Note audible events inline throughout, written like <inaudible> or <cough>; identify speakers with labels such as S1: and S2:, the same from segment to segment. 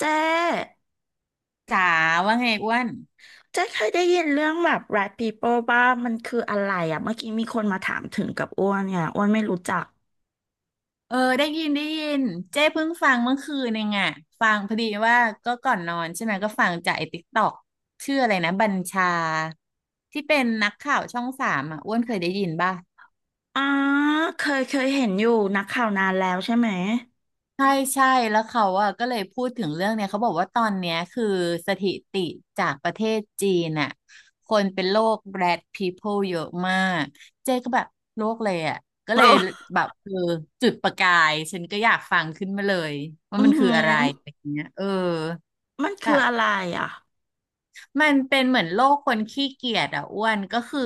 S1: เจ๊
S2: จ๋าว่าไงอ้วน
S1: เจ๊เคยได้ยินเรื่องแบบ rat people บ้างมันคืออะไรอ่ะเมื่อกี้มีคนมาถามถึงกับอ้วนเนี่ยอ้วนไม่รู้จัก
S2: เออได้ยินได้ยินเจ้เพิ่งฟังเมื่อคืนเองอ่ะฟังพอดีว่าก็ก่อนนอนใช่ไหมก็ฟังจากไอ้ติ๊กตอกชื่ออะไรนะบัญชาที่เป็นนักข่าวช่องสามอ่ะอ้วนเคยได้ยินป่ะ
S1: อ๋อเคยเคยเห็นอยู่นักข่าวนานแล้วใช่ไหม
S2: ใช่ใช่แล้วเขาอ่ะก็เลยพูดถึงเรื่องเนี่ยเขาบอกว่าตอนเนี้ยคือสถิติจากประเทศจีนอ่ะคนเป็นโรค Rat People เยอะมากเจ๊ก็แบบโรคเลยอ่ะก็
S1: โอ้
S2: เลย
S1: <laughs>
S2: แบบเออจุดประกายฉันก็อยากฟังขึ้นมาเลยว่า
S1: อือ
S2: มัน
S1: หื
S2: คือ
S1: อ
S2: อะไรอะไรอย่างเงี้ยเออ
S1: มันคือ
S2: แบบ
S1: อะไรอ่ะ
S2: มันเป็นเหมือนโลกคนขี้เกียจอ่ะอ้วนก็คือ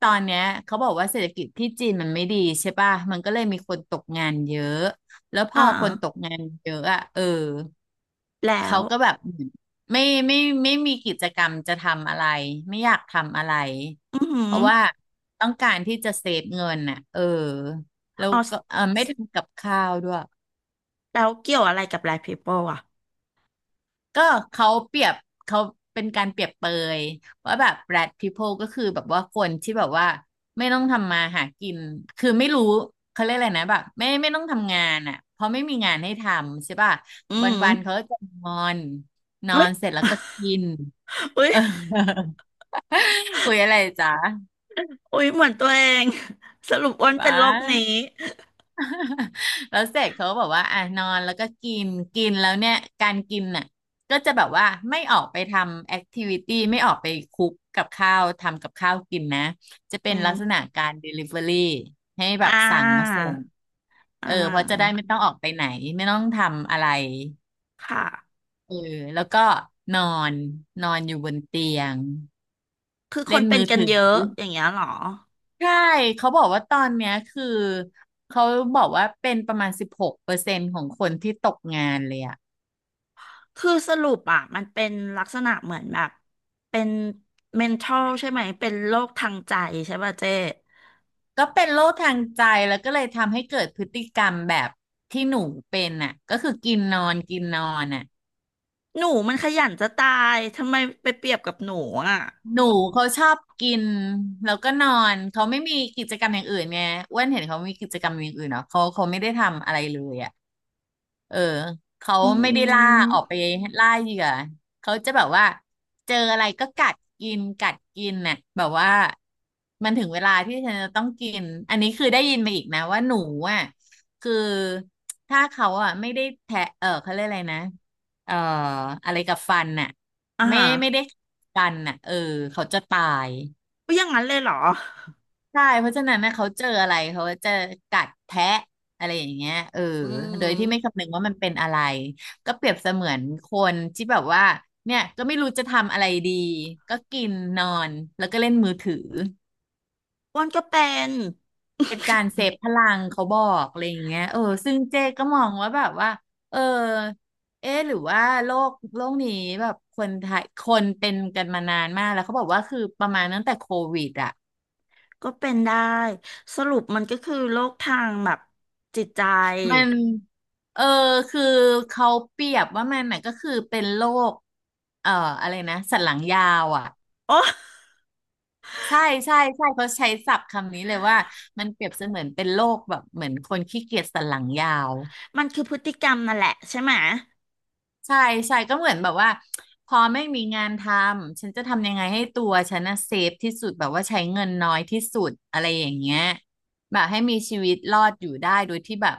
S2: ตอนเนี้ยเขาบอกว่าเศรษฐกิจที่จีนมันไม่ดีใช่ป่ะมันก็เลยมีคนตกงานเยอะแล้วพ
S1: อ่า
S2: อคนตกงานเยอะอ่ะเออ
S1: แล้
S2: เขา
S1: ว
S2: ก็แบบเหมือนไม่ไม่ไม่ไมมีกิจกรรมจะทำอะไรไม่อยากทำอะไร
S1: อือหื
S2: เพ
S1: อ
S2: ราะว่าต้องการที่จะเซฟเงินน่ะเออแล้ว
S1: อ๋อ
S2: ก็เออไม่ทำกับข้าวด้วย
S1: แล้วเกี่ยวอะไรกับ rat people อ่ะ
S2: ก็เขาเปรียบเขาเป็นการเปรียบเปยว่าแบบ rat people ก็คือแบบว่าคนที่แบบว่าไม่ต้องทำมาหากินคือไม่รู้เขาเรียกอะไรนะแบบไม่ต้องทำงานอ่ะเพราะไม่มีงานให้ทำใช่ป่ะ
S1: อือ
S2: ว
S1: หือ
S2: ันๆเขาก็จะนอนนอ
S1: เฮ้ย
S2: นเสร็จแล้วก็กิน
S1: เฮ้
S2: <laughs>
S1: ย
S2: เออ <laughs> อุ๊ยอะไรจ๊ะ
S1: เฮ้ยเหมือนตัวเองสรุปอ้วนเป็
S2: ว้า
S1: นโรคนี้
S2: แล้วเสร็จเขาบอกว่าอ่ะนอนแล้วก็กินกินแล้วเนี่ยการกินน่ะก็จะแบบว่าไม่ออกไปทำแอคทิวิตี้ไม่ออกไปคุกกับข้าวทำกับข้าวกินนะจะเป็
S1: อื
S2: นลักษ
S1: ม
S2: ณะการ Delivery ให้แบ
S1: อ่
S2: บสั่งมา
S1: า
S2: ส่ง
S1: อ่
S2: เออเพราะจะได้
S1: า
S2: ไม่ต้องออกไปไหนไม่ต้องทำอะไร
S1: ค่ะ
S2: เออแล้วก็นอนนอนอยู่บนเตียง
S1: คือค
S2: เล่
S1: น
S2: น
S1: เป็น
S2: มือ
S1: กัน
S2: ถือ
S1: เยอะอย่างเงี้ยเหรอ
S2: ใช่เขาบอกว่าตอนเนี้ยคือเขาบอกว่าเป็นประมาณ16%ของคนที่ตกงานเลยอะ
S1: คือสรุปอ่ะมันเป็นลักษณะเหมือนแบบเป็น mental ใช่ไหม เป็นโรคทางใจใช่ป่ะเจ๊
S2: ก็เป็นโรคทางใจแล้วก็เลยทำให้เกิดพฤติกรรมแบบที่หนูเป็นน่ะก็คือกินนอนกินนอนน่ะ
S1: หนูมันขยันจะตายทำไมไปเปรียบกับหนูอ่ะ
S2: หนูเขาชอบกินแล้วก็นอนเขาไม่มีกิจกรรมอย่างอื่นไงอ้วนเห็นเขามีกิจกรรมอย่างอื่นเนาะเขาเขาไม่ได้ทำอะไรเลยอ่ะเออเขา
S1: อื
S2: ไม่ได้ล่าอ
S1: ม
S2: อกไปล่าเหยื่อเขาจะแบบว่าเจออะไรก็กัดกินกัดกินน่ะแบบว่ามันถึงเวลาที่ฉันจะต้องกินอันนี้คือได้ยินมาอีกนะว่าหนูอ่ะคือถ้าเขาอ่ะไม่ได้แทะเออเขาเรียกอะไรนะเอ่ออะไรกับฟันน่ะ
S1: อ่า
S2: ไม่ได้กันน่ะเออเขาจะตาย
S1: ก็อย่างนั้นเลยเหรอ
S2: ใช่เพราะฉะนั้นนะเขาเจออะไรเขาจะกัดแทะอะไรอย่างเงี้ยเออ
S1: อื
S2: โดยที่ไม่
S1: ม
S2: คำนึงว่ามันเป็นอะไรก็เปรียบเสมือนคนที่แบบว่าเนี่ยก็ไม่รู้จะทำอะไรดีก็กินนอนแล้วก็เล่นมือถือ
S1: อ้วนก็เป็น
S2: เป็นการเซฟพลังเขาบอกอะไรอย่างเงี้ยเออซึ่งเจ๊ก็มองว่าแบบว่าเออเอ๊ะหรือว่าโลกโลกนี้แบบคนไทยคนเป็นกันมานานมากแล้วเขาบอกว่าคือประมาณตั้งแต่โควิดอ่ะ
S1: ก็เป็นได้สรุปมันก็คือโรคทางแบบจิตใจ
S2: มันเออคือเขาเปรียบว่ามันน่ะก็คือเป็นโรคเอ่ออะไรนะสันหลังยาวอ่ะ
S1: โอ้
S2: ใช่ใช่เขาใช้ศัพท์คำนี้เลยว่ามันเปรียบเสมือนเป็นโรคแบบเหมือนคนขี้เกียจสันหลังยาว
S1: มันคือพฤติกรรมนั่นแหละใช่ไหม
S2: ใช่ใช่ก็เหมือนแบบว่าพอไม่มีงานทำฉันจะทำยังไงให้ตัวฉันนะเซฟที่สุดแบบว่าใช้เงินน้อยที่สุดอะไรอย่างเงี้ยแบบให้มีชีวิตรอดอยู่ได้โดยที่แบบ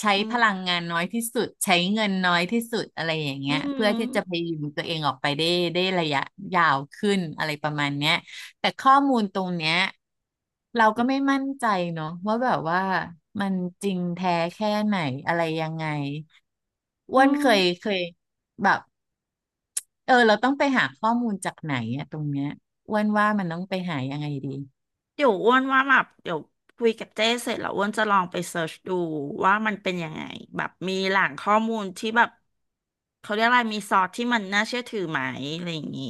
S2: ใช้
S1: อืม
S2: พลังงานน้อยที่สุดใช้เงินน้อยที่สุดอะไรอย่าง
S1: อื
S2: เงี้ย
S1: ม
S2: เพื่อที่จะพยุงตัวเองออกไปได้ได้ระยะยาวขึ้นอะไรประมาณเนี้ยแต่ข้อมูลตรงเนี้ยเราก็ไม่มั่นใจเนาะว่าแบบว่ามันจริงแท้แค่ไหนอะไรยังไง อ้
S1: อื
S2: วน
S1: ม
S2: เคยเคยแบบเออเราต้องไปหาข้อมูลจากไหนอะตรงเนี้ยอ้วนว่ามันต้องไปหายังไงดี
S1: เดี๋ยวอ้วนว่าแบบเดี๋ยวคุยกับเจ้เสร็จแล้วอ้วนจะลองไปเสิร์ชดูว่ามันเป็นยังไงแบบมีแหล่งข้อมูลที่แบบเขาเรียกอะไรมีซอสที่มันน่าเชื่อถือไหมอะไรอย่างนี้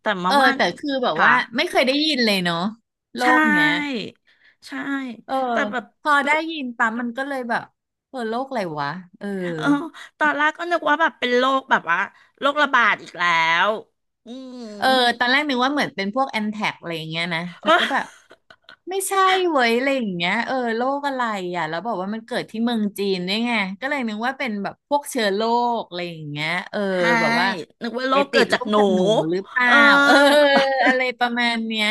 S1: แต่มา
S2: เออ
S1: ว่า
S2: แต่คือแบบ
S1: ค่ะ
S2: ว่าไม่เคยได้ยินเลยเนาะโล
S1: ใช
S2: กเนี้ย
S1: ่ใช่
S2: เออ
S1: แต่แบบ
S2: พอ
S1: ดู
S2: ได้ยินปั๊มมันก็เลยแบบเออโลกอะไรวะเออ
S1: เออตอนแรกก็นึกว่าแบบเป็นโรคแบบว่าโรคระบาดอีกแล้วอืม
S2: เออตอนแรกนึกว่าเหมือนเป็นพวกแอนแท็กอะไรอย่างเงี้ยนะ
S1: เอ
S2: แล้ว
S1: อ
S2: ก็แบบ ไม่ใช่เว้ยอะไรอย่างเงี้ยเออโรคอะไรอ่ะแล้วบอกว่ามันเกิดที่เมืองจีนด้วยไงก็เลยนึกว่าเป็นแบบพวกเชื้อโรคอะไรอย่างเงี้ยเออ
S1: ใช่
S2: แบบว่า
S1: นึกว่าโร
S2: ไป
S1: ค
S2: ติ
S1: เกิ
S2: ด
S1: ด
S2: โร
S1: จาก
S2: ค
S1: หนู
S2: จากหนูหรือเป
S1: เอ
S2: ล่า
S1: อ
S2: เอออะไรประมาณเนี้ย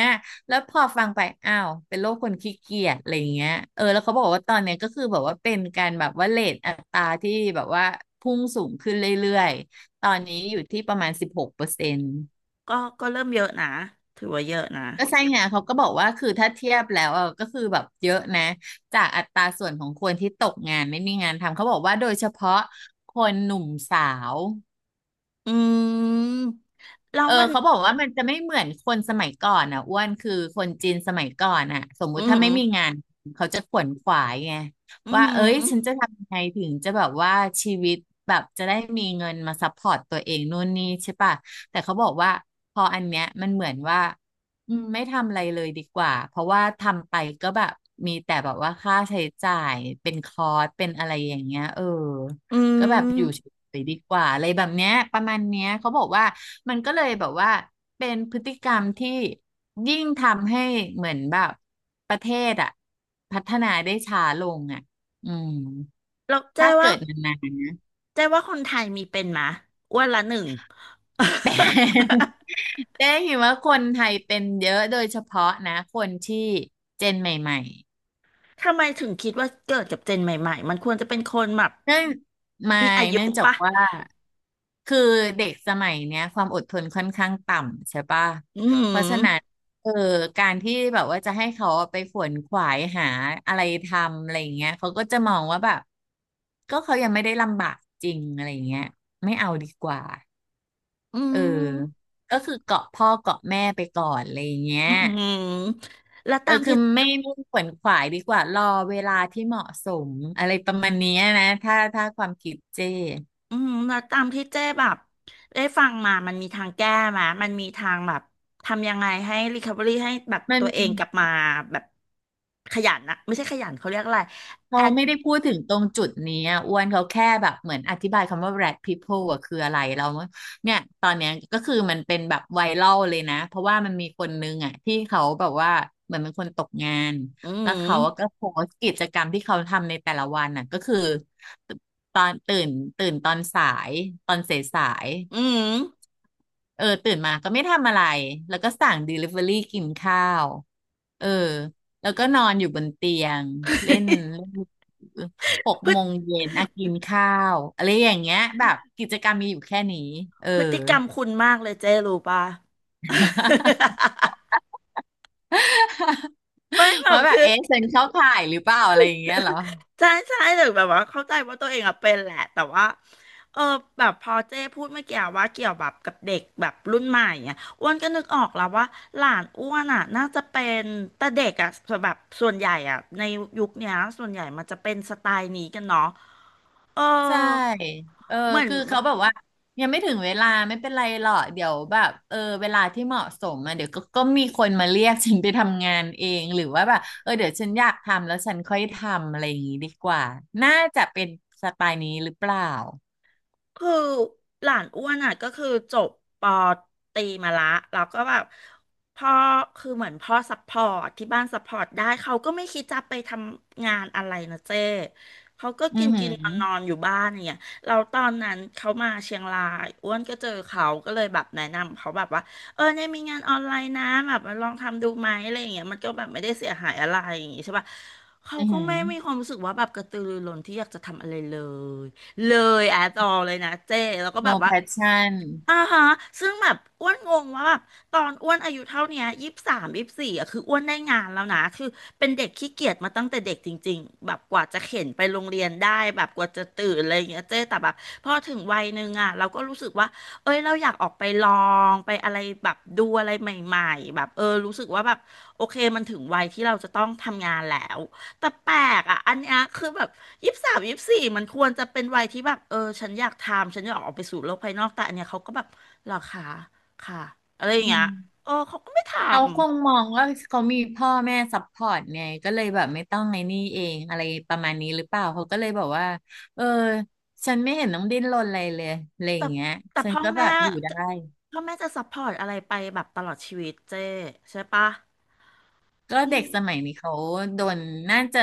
S2: แล้วพอฟังไปอ้าวเป็นโรคคนขี้เกียจอะไรอย่างเงี้ยเออแล้วเขาบอกว่าตอนเนี้ยก็คือแบบว่าเป็นการแบบว่าเรทอัตราที่แบบว่าพุ่งสูงขึ้นเรื่อยๆตอนนี้อยู่ที่ประมาณ16%
S1: ก็ก็เริ่มเยอะนะถือว่าเยอะนะ
S2: ก็ใช่ไงเขาก็บอกว่าคือถ้าเทียบแล้วอ่ะก็คือแบบเยอะนะจากอัตราส่วนของคนที่ตกงานไม่มีงานทำเขาบอกว่าโดยเฉพาะคนหนุ่มสาว
S1: อืมแล้ว
S2: เออ
S1: มัน
S2: เขาบอกว่ามันจะไม่เหมือนคนสมัยก่อนอ่ะอ้วนคือคนจีนสมัยก่อนอ่ะสมมุ
S1: อื
S2: ติถ้าไม่
S1: ม
S2: มีงานเขาจะขวนขวายไง
S1: อื
S2: ว่าเอ้ยฉันจะ
S1: ม
S2: ทำยังไงถึงจะแบบว่าชีวิตแบบจะได้มีเงินมาซัพพอร์ตตัวเองนู่นนี่ใช่ป่ะแต่เขาบอกว่าพออันเนี้ยมันเหมือนว่าอืมไม่ทำอะไรเลยดีกว่าเพราะว่าทำไปก็แบบมีแต่แบบว่าค่าใช้จ่ายเป็นคอร์สเป็นอะไรอย่างเงี้ยเออ
S1: อื
S2: ก็แบบอยู่เฉ
S1: ม
S2: ยๆดีกว่าอะไรแบบเนี้ยประมาณเนี้ยเขาบอกว่ามันก็เลยแบบว่าเป็นพฤติกรรมที่ยิ่งทำให้เหมือนแบบประเทศอ่ะพัฒนาได้ช้าลงอ่ะอืม
S1: แล้วเจ๊
S2: ถ้า
S1: ว่า
S2: เกิดนาน
S1: เจ๊ว่าคนไทยมีเป็นมะอ้วันละหนึ่ง
S2: ๆ
S1: <laughs>
S2: <laughs> แต่ <laughs> เเห็นว่าคนไทยเป็นเยอะโดยเฉพาะนะคนที่เจนใหม่ๆ
S1: ทำไมถึงคิดว่าเกิดกับเจนใหม่ๆมันควรจะเป็นคนแบบ
S2: เนื่องไม่
S1: มีอายุ
S2: เนื่องจาก
S1: ปะ
S2: ว่าคือเด็กสมัยเนี้ยความอดทนค่อนข้างต่ำใช่ปะ
S1: อืม
S2: เพราะฉะนั้นเออการที่แบบว่าจะให้เขาไปขวนขวายหาอะไรทำอะไรอย่างเงี้ยเขาก็จะมองว่าแบบก็เขายังไม่ได้ลำบากจริงอะไรอย่างเงี้ยไม่เอาดีกว่า
S1: อื
S2: เออ
S1: ม
S2: ก็คือเกาะพ่อเกาะแม่ไปก่อนอะไรอย่างเงี้ย
S1: อืมแล้ว
S2: เออ
S1: ตาม
S2: คื
S1: ที่
S2: อไม่ขวนขวายดีกว่ารอเวลาที่เหมาะสมอะไรประมาณเนี้ยนะถ้าความคิดเจ้
S1: อืมแล้วตามที่เจ้แบบได้ฟังมามันมีทางแก้ไหมมันมีทางแบบทำยังไงให้ r e c o v e ี่ให้แบบ
S2: มัน
S1: ตัวเองกลับมาแบบขยันนะไม่ใช่ขยันเขาเรียกอะไรแอ
S2: เขา
S1: ค
S2: ไม่ได้พูดถึงตรงจุดนี้อะอ้วนเขาแค่แบบเหมือนอธิบายคำว่า rat people อะคืออะไรเราเนี่ยตอนเนี้ยก็คือมันเป็นแบบไวรัลเลยนะเพราะว่ามันมีคนนึงอ่ะที่เขาแบบว่าเหมือนเป็นคนตกงาน
S1: อื
S2: แล้วเขา
S1: ม
S2: ก็โพสต์กิจกรรมที่เขาทำในแต่ละวันอะก็คือตอนตื่นตื่นตอนสายตอนสายสาย
S1: อืม
S2: เออตื่นมาก็ไม่ทำอะไรแล้วก็สั่ง Delivery กินข้าวเออแล้วก็นอนอยู่บนเตียงเล่นเล่นหก
S1: <laughs> พฤ
S2: โม
S1: ติ
S2: งเย็นอ่ะกินข้าวอะไรอย่างเงี้ยแบบกิจกรรมมีอยู่แค่นี้เออ
S1: กรรมคุณมากเลยเจ้รู้ป่ะ
S2: <laughs>
S1: <laughs> ไม่แบบ
S2: ว่าแบบ
S1: คือ
S2: เอ๊ะฉันเข้าข่ายหรือเปล่าอะไรอย่างเงี้ยเหรอ
S1: ใช่ใช่แต่แบบว่าเข้าใจว่าตัวเองอะเป็นแหละแต่ว่าเออแบบพอเจ้พูดเมื่อกี้ว่าเกี่ยวแบบกับเด็กแบบรุ่นใหม่อ่ะอ้วนก็นึกออกแล้วว่าหลานอ้วนอ่ะน่าจะเป็นแต่เด็กอ่ะแบบส่วนใหญ่อ่ะในยุคเนี้ยส่วนใหญ่มันจะเป็นสไตล์นี้กันเนาะเออ
S2: ใช่เออ
S1: เหมือน
S2: คือเขาแบบว่ายังไม่ถึงเวลาไม่เป็นไรหรอกเดี๋ยวแบบเออเวลาที่เหมาะสมอ่ะเดี๋ยวก็มีคนมาเรียกฉันไปทำงานเองหรือว่าแบบเออเดี๋ยวฉันอยากทำแล้วฉันค่อยทำอะไรอย่างงี้ดีกว่าน่าจะเป็นสไตล์นี้หรือเปล่า
S1: คือหลานอ้วนอ่ะก็คือจบปอตรีมาละแล้วก็แบบพ่อคือเหมือนพ่อซัพพอร์ตที่บ้านซัพพอร์ตได้เขาก็ไม่คิดจะไปทำงานอะไรนะเจ้เขาก็
S2: อื
S1: กิ
S2: อ
S1: น
S2: หือ
S1: กินนอนนอนอยู่บ้านอย่างเนี่ยเราตอนนั้นเขามาเชียงรายอ้วนก็เจอเขาก็เลยแบบแนะนำเขาแบบว่าเออเนี่ยมีงานออนไลน์นะแบบมาลองทำดูไหมอะไรอย่างเงี้ยมันก็แบบไม่ได้เสียหายอะไรอย่างงี้ใช่ป่ะเขา
S2: อือ
S1: ก็
S2: หือ
S1: ไม่มีความรู้สึกว่าแบบกระตือรือร้นที่อยากจะทำอะไรเลย เลยแอดออเลยนะเจ้แล้วก็แบบ
S2: no
S1: ว่า
S2: passion
S1: อ่าฮะซึ่งแบบอ้วนงงว่าแบบตอนอ้วนอายุเท่าเนี้ยยี่สิบสามยี่สิบสี่อ่ะคืออ้วนได้งานแล้วนะคือเป็นเด็กขี้เกียจมาตั้งแต่เด็กจริงๆแบบกว่าจะเข็นไปโรงเรียนได้แบบกว่าจะตื่นอะไรอย่างเงี้ยเจ้แต่แบบพอถึงวัยหนึ่งอ่ะเราก็รู้สึกว่าเอ้ยเราอยากออกไปลองไปอะไรแบบดูอะไรใหม่ๆแบบเออรู้สึกว่าแบบโอเคมันถึงวัยที่เราจะต้องทำงานแล้ว แต่แปลกอ่ะอันเนี้ยคือแบบยี่สิบสามยี่สิบสี่มันควรจะเป็นวัยที่แบบเออฉันอยากทำฉันอยากออกไปสู่โลกภายนอกแต่อันเนี้ยเขาก็แบบหรอคะค่ะอะไรอย่า
S2: อื
S1: งเงี้
S2: ม
S1: ยเออเขาก็ไม่ท
S2: เขาคงมองว่าเขามีพ่อแม่ซัพพอร์ตไงก็เลยแบบไม่ต้องไอ้นี่เองอะไรประมาณนี้หรือเปล่าเขาก็เลยบอกว่าเออฉันไม่เห็นต้องดิ้นรนอะไรเลยอะไร
S1: ำ
S2: อ
S1: แต่
S2: ย่างเงี้ย
S1: แต่
S2: ฉัน
S1: พ่อ
S2: ก็แบ
S1: แม่
S2: บอยู่ได้
S1: จะพ่อแม่จะซัพพอร์ตอะไรไปแบบตลอดชีวิตเจ้ใช่ปะ
S2: ก็
S1: อื
S2: เด็
S1: ม
S2: กสมัยนี้เขาโดนน่าจะ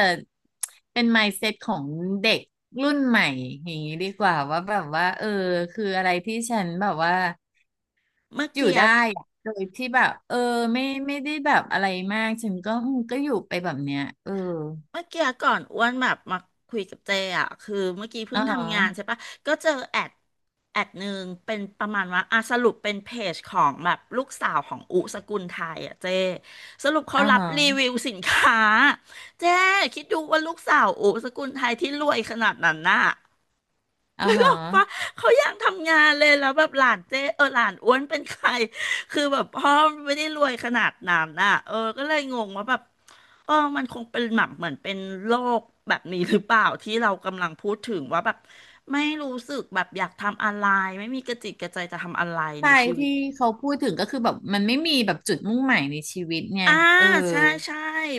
S2: เป็น mindset ของเด็กรุ่นใหม่อย่างนี้ดีกว่าว่าแบบว่าเออคืออะไรที่ฉันแบบว่า
S1: เมื่อ
S2: อยู่
S1: กี้
S2: ได้อะโดยที่แบบเออไม่ได้แบบอะไรมากฉันก็อืมก็อยู่ไปแบบเนี้ยเออ
S1: เมื่อกี้ก่อนอ้วนแบบมาคุยกับเจอ่ะคือเมื่อกี้เพิ่
S2: อ๋อ
S1: งทำงานใช่ปะก็เจอแอดแอดหนึ่งเป็นประมาณว่าอ่ะสรุปเป็นเพจของแบบลูกสาวของอุสกุลไทยอ่ะเจสรุปเขา
S2: อ่า
S1: รับ
S2: ฮะ
S1: รีวิวสินค้าเจคิดดูว่าลูกสาวอุสกุลไทยที่รวยขนาดนั้นน่ะ
S2: อ่า
S1: นึก
S2: ฮะ
S1: ออกปะเขาอยากทำงานเลยแล้วแบบหลานเจ๊เออหลานอ้วนเป็นใครคือแบบพ่อไม่ได้รวยขนาดนั้นน่ะเออก็เลยงงว่าแบบเออมันคงเป็นแบบเหมือนเป็นโรคแบบนี้หรือเปล่าที่เรากำลังพูดถึงว่าแบบไม่รู้สึกแบบอยากทำอะไรไม่มีกระจิตกระใจจะทำอะไรใน
S2: ใช่
S1: ชีวิต
S2: ที่เขาพูดถึงก็คือแบบมันไม่มีแบบจุดมุ่งหมายในชีวิตไง
S1: อ่า
S2: เออ
S1: ใช่ใช่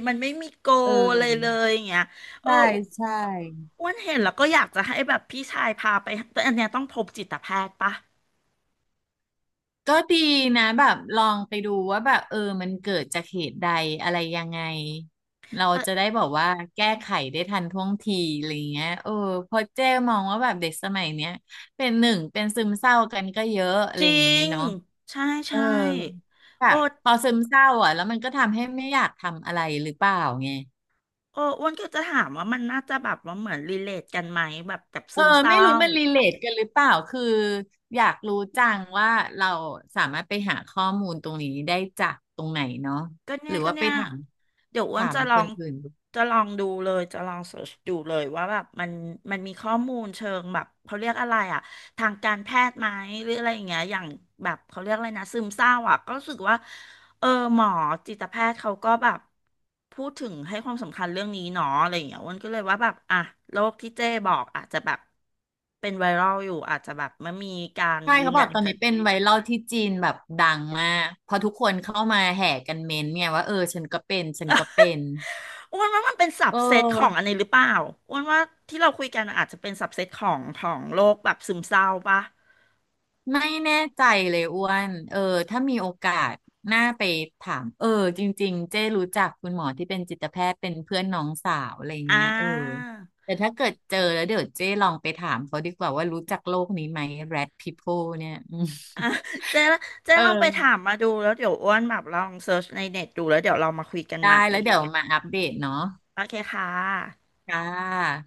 S1: มันไม่มีโก
S2: เอ
S1: อะไรเล
S2: อ
S1: ยอย่างเงี้ยเออ
S2: ใช่ ใช่
S1: อ้วนเห็นแล้วก็อยากจะให้แบบพี่ชายพาไปแต่อันเนี้ยต้องพบจิตแพทย์ปะ
S2: ก็ดีนะแบบลองไปดูว่าแบบเออมันเกิดจากเหตุใดอะไรยังไง เรา
S1: แต่
S2: จะได้บอกว่าแก้ไขได้ทันท่วงทีอะไรเงี้ยเออเพราะเจ้มองว่าแบบเด็กสมัยเนี้ยเป็นซึมเศร้ากันก็เยอะอะ
S1: จ
S2: ไร
S1: ริ
S2: อย่างเงี้ย
S1: ง
S2: เนาะ
S1: ใช่
S2: เออ
S1: ใช่
S2: แบ
S1: โอ้
S2: บพอซึมเศร้าอ่ะแล้วมันก็ทำให้ไม่อยากทำอะไรหรือเปล่าไง
S1: อ้วนก็จะถามว่ามันน่าจะแบบว่าเหมือนรีเลทกันไหมแบบกับ
S2: เอ
S1: ซึ
S2: อ
S1: มเศ
S2: ไม่
S1: ร้า
S2: รู้มันรีเลทกันหรือเปล่าคืออยากรู้จังว่าเราสามารถไปหาข้อมูลตรงนี้ได้จากตรงไหนเนาะ
S1: ก็
S2: ห
S1: เนี่
S2: รื
S1: ย
S2: อ
S1: ก็
S2: ว่าไป
S1: เนี่ย
S2: ถาม
S1: เดี๋ยวอ้วน
S2: ถาม
S1: จะล
S2: ค
S1: อ
S2: น
S1: ง
S2: อื่นดู
S1: จะลองดูเลยจะลองเสิร์ชดูเลยว่าแบบมันมันมีข้อมูลเชิงแบบเขาเรียกอะไรอะทางการแพทย์ไหมหรืออะไรอย่างเงี้ยอย่างแบบเขาเรียกอะไรนะซึมเศร้าอะก็รู้สึกว่าเออหมอจิตแพทย์เขาก็แบบพูดถึงให้ความสำคัญเรื่องนี้เนาะอะไรอย่างเงี้ยอ้วนก็เลยว่าแบบอ่ะโรคที่เจ้บอกอาจจะแบบเป็นไวรัลอยู่อาจจะแบบไมันมีการ
S2: ใช่
S1: ยืน
S2: เขาบอ
S1: ยั
S2: ก
S1: น
S2: ตอนนี้เป็นไวรัลที่จีนแบบดังมากเพอทุกคนเข้ามาแห่กันเม้นต์เนี่ยว่าเออฉันก็เป็นฉันก็เป็น
S1: อ้วนว่ามันเป็นสั
S2: เ
S1: บเซตของอั
S2: ออ
S1: นนี้หรือเปล่าอ้วนว่าที่เราคุยกันอาจจะเป็นสับเซตของของโรคแบบซึมเศร้าปะ
S2: ไม่แน่ใจเลยอ้วนเออถ้ามีโอกาสน่าไปถามเออจริงๆเจ้รู้จักคุณหมอที่เป็นจิตแพทย์เป็นเพื่อนน้องสาวอะไร
S1: อ่
S2: เงี้ยเออ
S1: า
S2: แต่ถ้าเกิดเจอแล้วเดี๋ยวเจ้ลองไปถามเขาดีกว่าว่ารู้จักโลกนี้ไหม Rat People เนี่ยอืม
S1: อ่าเจ๊
S2: <laughs>
S1: เจ๊
S2: เออ
S1: ลองไปถามมาดูแล้วเดี๋ยวอ้วนแบบลองเซิร์ชในเน็ตดูแล้วเดี๋ยวเรามาคุยกัน
S2: ได้
S1: ใหม่
S2: แล้วเดี๋ยวมาอัปเดตเนาะ
S1: โอเคค่ะ
S2: ค่ะ